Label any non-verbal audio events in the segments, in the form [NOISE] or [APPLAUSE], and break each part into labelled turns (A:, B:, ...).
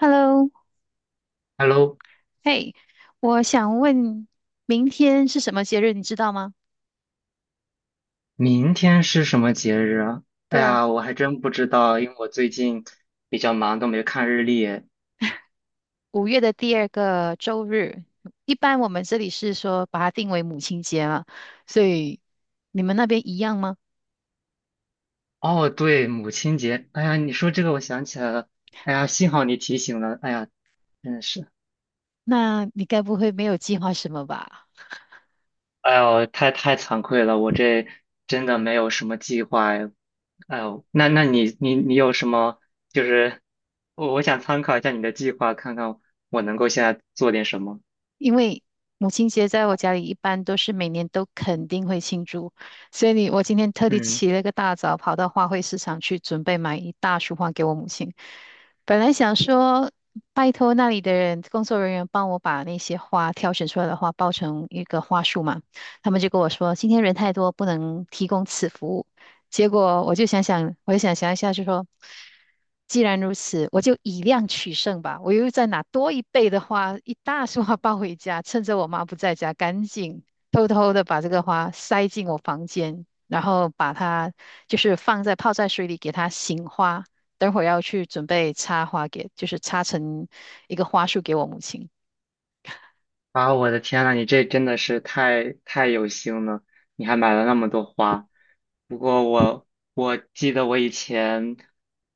A: Hello,
B: Hello，
A: 嘿，我想问，明天是什么节日？你知道吗？
B: 明天是什么节日啊？哎
A: 对啊，
B: 呀，我还真不知道，因为我最近比较忙，都没看日历。
A: 五月的第二个周日，一般我们这里是说把它定为母亲节嘛，所以你们那边一样吗？
B: 哦，对，母亲节。哎呀，你说这个，我想起来了。哎呀，幸好你提醒了。哎呀，真的是，
A: 那你该不会没有计划什么吧？
B: 哎呦，太惭愧了，我这真的没有什么计划哎。哎呦，那你有什么？就是我想参考一下你的计划，看看我能够现在做点什么。
A: 因为母亲节在我家里一般都是每年都肯定会庆祝，所以我今天特地
B: 嗯。
A: 起了个大早，跑到花卉市场去准备买一大束花给我母亲。本来想说拜托那里的人工作人员帮我把那些花挑选出来的花包成一个花束嘛，他们就跟我说今天人太多不能提供此服务，结果我就想想一下，就说，既然如此，我就以量取胜吧。我又再拿多一倍的花，一大束花抱回家，趁着我妈不在家，赶紧偷偷的把这个花塞进我房间，然后把它就是放在泡在水里，给它醒花。等会儿要去准备插花给，就是插成一个花束给我母亲。
B: 啊，我的天呐，你这真的是太有心了，你还买了那么多花。不过我记得我以前，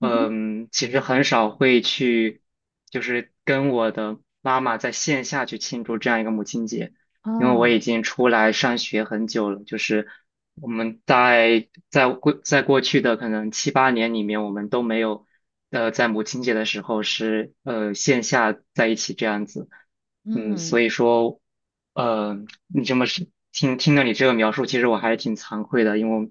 A: 嗯哼。
B: 其实很少会去，就是跟我的妈妈在线下去庆祝这样一个母亲节。因为我
A: 哦。
B: 已经出来上学很久了，就是我们在过去的可能七八年里面，我们都没有在母亲节的时候是线下在一起这样子，嗯，
A: 嗯。
B: 所以说呃你这么是听了你这个描述，其实我还是挺惭愧的，因为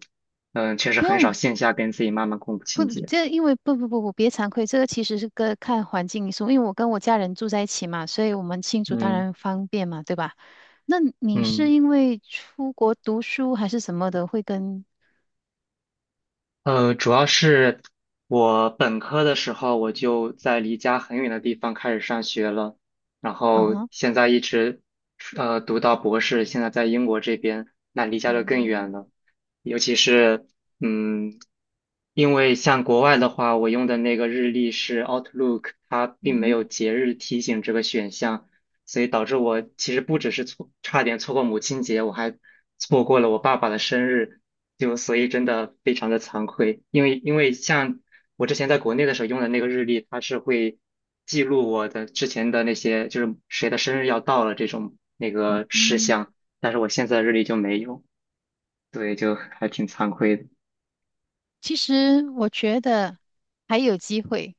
B: 确实
A: 不
B: 很
A: 用
B: 少线下跟自己妈妈过母
A: 不，
B: 亲节，
A: 这因为不不不不，别惭愧，这个其实是个看环境因素。因为我跟我家人住在一起嘛，所以我们庆祝当
B: 嗯
A: 然方便嘛，对吧？那你是
B: 嗯。
A: 因为出国读书还是什么的，会跟。
B: 主要是我本科的时候我就在离家很远的地方开始上学了，然
A: 啊
B: 后
A: 哈。
B: 现在一直读到博士，现在在英国这边，那离家就更远
A: 嗯。
B: 了。尤其是嗯，因为像国外的话，我用的那个日历是 Outlook，它并
A: 嗯
B: 没有
A: 哼。
B: 节日提醒这个选项，所以导致我其实不只是差点错过母亲节，我还错过了我爸爸的生日，就所以真的非常的惭愧，因为像我之前在国内的时候用的那个日历，它是会记录我的之前的那些，就是谁的生日要到了这种那个事
A: 嗯，
B: 项，但是我现在的日历就没有，对，就还挺惭愧的。
A: 其实我觉得还有机会。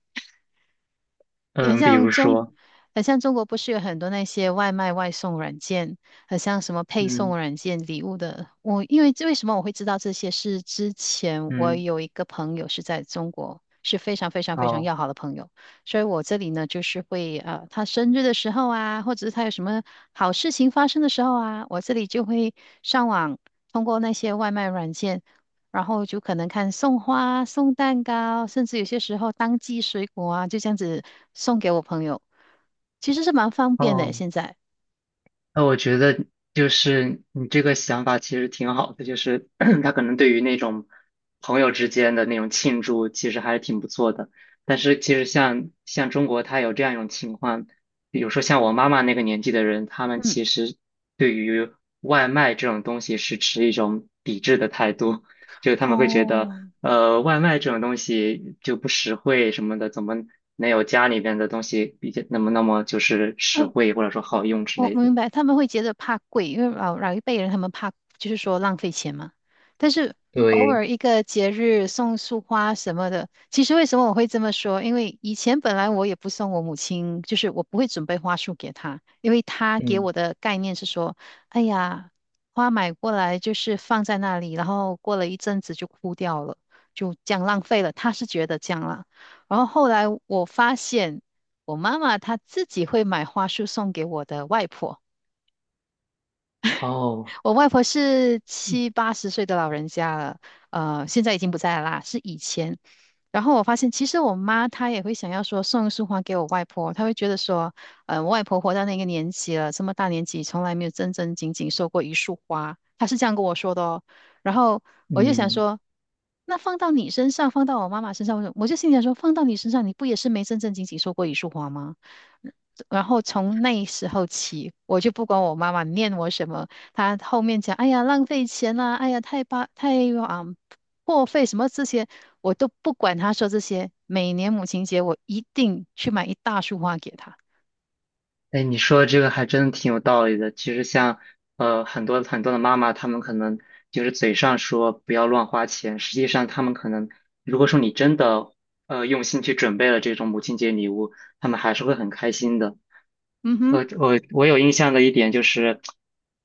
A: 很
B: 嗯，比
A: 像
B: 如
A: 中，
B: 说，
A: 很像中国不是有很多那些外卖外送软件，很像什么配送
B: 嗯
A: 软件、礼物的。我因为为什么我会知道这些？是之前我
B: 嗯，
A: 有一个朋友是在中国，是非常非常非常
B: 哦
A: 要好的朋友，所以我这里呢就是会他生日的时候啊，或者是他有什么好事情发生的时候啊，我这里就会上网通过那些外卖软件。然后就可能看送花、送蛋糕，甚至有些时候当季水果啊，就这样子送给我朋友，其实是蛮方便的。
B: 哦。
A: 现在，
B: 那我觉得就是你这个想法其实挺好的，就是 [CLEARS THROAT] 他可能对于那种朋友之间的那种庆祝，其实还是挺不错的。但是其实像中国，他有这样一种情况，比如说像我妈妈那个年纪的人，他们
A: 嗯。
B: 其实对于外卖这种东西是持一种抵制的态度，就是他们会觉得，
A: 哦。
B: 外卖这种东西就不实惠什么的，怎么能有家里边的东西比较那么就是实
A: 呃，
B: 惠或者说好用之
A: 我
B: 类
A: 我
B: 的。
A: 明白，他们会觉得怕贵，因为老一辈人他们怕就是说浪费钱嘛。但是偶
B: 对，
A: 尔一个节日送束花什么的，其实为什么我会这么说？因为以前本来我也不送我母亲，就是我不会准备花束给她，因为她给
B: 嗯，
A: 我的概念是说，哎呀，花买过来就是放在那里，然后过了一阵子就枯掉了，就这样浪费了。她是觉得这样啦。然后后来我发现，我妈妈她自己会买花束送给我的外婆。
B: 哦，
A: 我外婆是七八十岁的老人家了，现在已经不在了啦，是以前。然后我发现，其实我妈她也会想要说送一束花给我外婆，她会觉得说，嗯，我外婆活到那个年纪了，这么大年纪，从来没有正正经经收过一束花，她是这样跟我说的哦。然后我就想
B: 嗯，
A: 说，那放到你身上，放到我妈妈身上，我就心里想说，放到你身上，你不也是没正正经经收过一束花吗？然后从那时候起，我就不管我妈妈念我什么，他后面讲，哎呀，浪费钱啦、哎呀，太啊、破费什么这些，我都不管他说这些。每年母亲节，我一定去买一大束花给他。
B: 哎，你说的这个还真的挺有道理的。其实像很多很多的妈妈，她们可能就是嘴上说不要乱花钱，实际上她们可能如果说你真的用心去准备了这种母亲节礼物，她们还是会很开心的。
A: 嗯哼。
B: 我有印象的一点就是，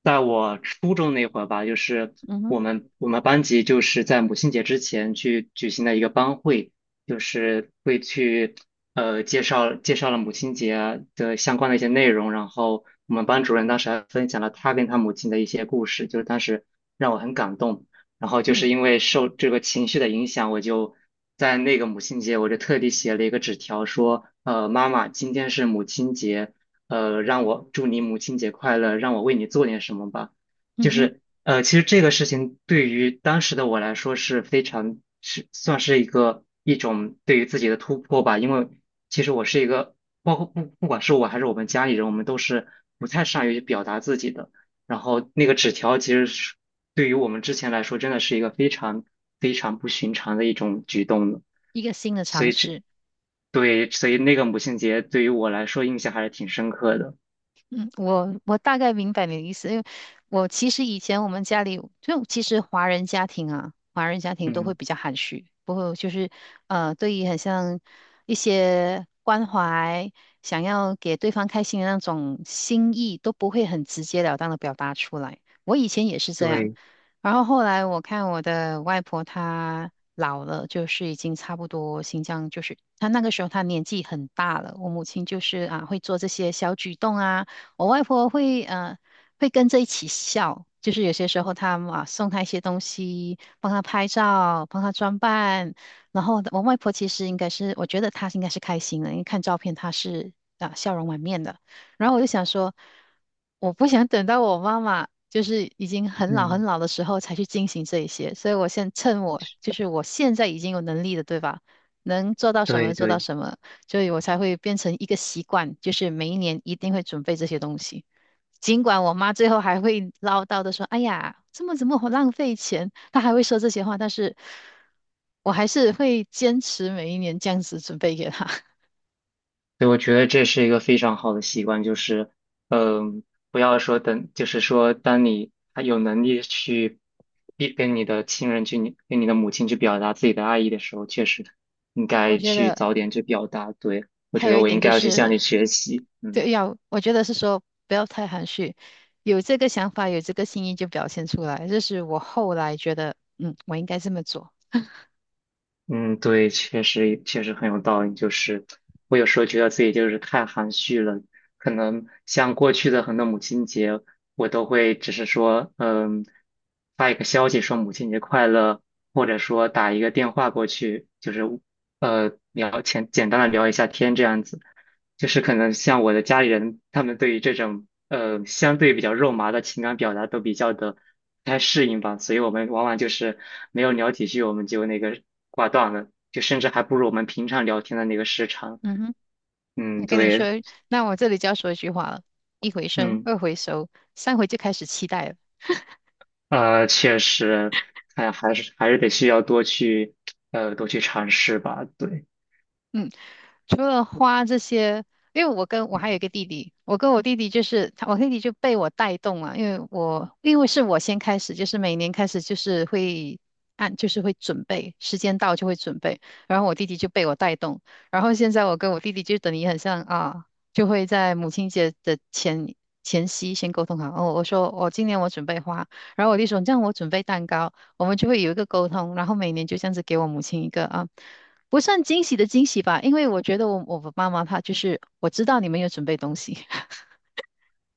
B: 在我初中那会儿吧，就是
A: 嗯哼。
B: 我们班级就是在母亲节之前去举行的一个班会，就是会去介绍了母亲节的相关的一些内容，然后我们班主任当时还分享了他跟他母亲的一些故事，就是当时让我很感动。然后就是
A: 嗯。
B: 因为受这个情绪的影响，我就在那个母亲节，我就特地写了一个纸条说，妈妈，今天是母亲节。让我祝你母亲节快乐，让我为你做点什么吧。
A: 嗯
B: 就
A: 哼。
B: 是其实这个事情对于当时的我来说是非常是算是一种对于自己的突破吧，因为其实我是一个，包括不管是我还是我们家里人，我们都是不太善于表达自己的。然后那个纸条其实是对于我们之前来说，真的是一个非常非常不寻常的一种举动的。
A: 一个新的
B: 所
A: 尝
B: 以这，
A: 试。
B: 对，所以那个母亲节对于我来说印象还是挺深刻的。
A: 嗯，我大概明白你的意思，因为我其实以前我们家里就其实华人家庭啊，华人家庭都会
B: 嗯，
A: 比较含蓄，不会就是对于很像一些关怀，想要给对方开心的那种心意，都不会很直截了当的表达出来。我以前也是这样，
B: 对，
A: 然后后来我看我的外婆她老了，就是已经差不多新疆就是她那个时候她年纪很大了，我母亲就是啊会做这些小举动啊。我外婆会跟着一起笑，就是有些时候她啊送她一些东西，帮她拍照，帮她装扮。然后我外婆其实应该是，我觉得她应该是开心的，因为看照片她是啊笑容满面的。然后我就想说，我不想等到我妈妈就是已经很老很
B: 嗯，
A: 老的时候才去进行这一些，所以我现趁我就是我现在已经有能力的，对吧？能做到什么就
B: 对
A: 做到
B: 对。
A: 什么，所以我才会变成一个习惯，就是每一年一定会准备这些东西。尽管我妈最后还会唠叨的说："哎呀，这么怎么好浪费钱？"她还会说这些话，但是我还是会坚持每一年这样子准备给她。[LAUGHS]
B: 对，我觉得这是一个非常好的习惯，就是，嗯，不要说等，就是说，当你还有能力去跟你的亲人去，你跟你的母亲去表达自己的爱意的时候，确实应
A: 我
B: 该
A: 觉
B: 去
A: 得
B: 早点去表达。对，我
A: 还
B: 觉
A: 有
B: 得
A: 一
B: 我应
A: 点
B: 该
A: 就
B: 要去向
A: 是，
B: 你学习。嗯。
A: 对，要我觉得是说不要太含蓄，有这个想法，有这个心意就表现出来。这是我后来觉得，嗯，我应该这么做。
B: 嗯，对，确实确实很有道理。就是我有时候觉得自己就是太含蓄了，可能像过去的很多母亲节，我都会只是说，嗯，发一个消息说母亲节快乐，或者说打一个电话过去，就是简简单的聊一下天这样子。就是可能像我的家里人，他们对于这种相对比较肉麻的情感表达都比较的不太适应吧，所以我们往往就是没有聊几句，我们就那个挂断了，就甚至还不如我们平常聊天的那个时长。
A: 嗯哼。
B: 嗯，
A: 跟你
B: 对，
A: 说，那我这里就要说一句话了：一回生，
B: 嗯，
A: 二回熟，三回就开始期待了。
B: 确实，哎，还是得需要多去多去尝试吧，对。
A: 嗯。除了花这些，因为我跟我还有一
B: 嗯。
A: 个弟弟，我跟我弟弟就是他，我弟弟就被我带动了，因为是我先开始，就是每年开始就是会按就是会准备，时间到就会准备，然后我弟弟就被我带动，然后现在我跟我弟弟就等于很像啊，就会在母亲节的前夕先沟通好，哦，我说我、今年我准备花，然后我弟说这样我准备蛋糕，我们就会有一个沟通，然后每年就这样子给我母亲一个啊。不算惊喜的惊喜吧，因为我觉得我妈妈她就是我知道你们有准备东西。[LAUGHS]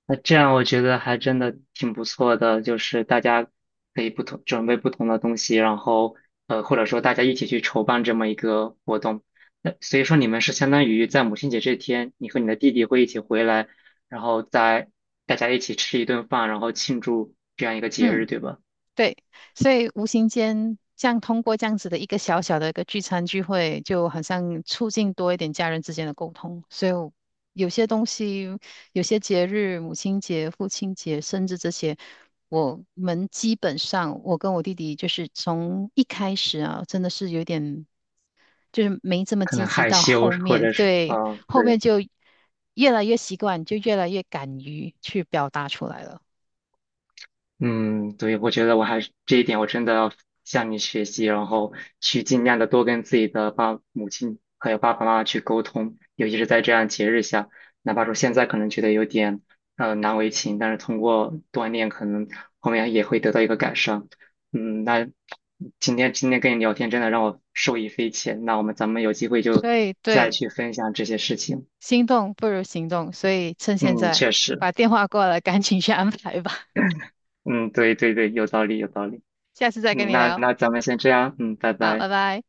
B: 那这样我觉得还真的挺不错的，就是大家可以不同准备不同的东西，然后或者说大家一起去筹办这么一个活动。那所以说你们是相当于在母亲节这天，你和你的弟弟会一起回来，然后在大家一起吃一顿饭，然后庆祝这样一个节
A: 嗯，
B: 日，对吧？
A: 对，所以无形间这样通过这样子的一个小小的一个聚餐聚会，就好像促进多一点家人之间的沟通，所以我有些东西，有些节日，母亲节、父亲节，甚至这些。我们基本上，我跟我弟弟就是从一开始啊，真的是有点就是没这么
B: 可能
A: 积极
B: 害
A: 到
B: 羞
A: 后
B: 或
A: 面，
B: 者是
A: 对，
B: 嗯，
A: 后
B: 对。
A: 面就越来越习惯，就越来越敢于去表达出来了。
B: 嗯，对，我觉得我还是这一点，我真的要向你学习，然后去尽量的多跟自己的母亲还有爸爸妈妈去沟通，尤其是在这样节日下，哪怕说现在可能觉得有点难为情，但是通过锻炼，可能后面也会得到一个改善。嗯，那今天跟你聊天，真的让我受益匪浅。那咱们有机会就
A: 所以
B: 再
A: 对，
B: 去分享这些事情。
A: 心动不如行动，所以趁现
B: 嗯，
A: 在
B: 确实，
A: 把电话挂了，赶紧去安排吧。
B: 嗯，对对对，有道理有道理。
A: [LAUGHS] 下次再跟
B: 嗯，
A: 你
B: 那
A: 聊，
B: 那咱们先这样，嗯，拜
A: 好，
B: 拜。
A: 拜拜。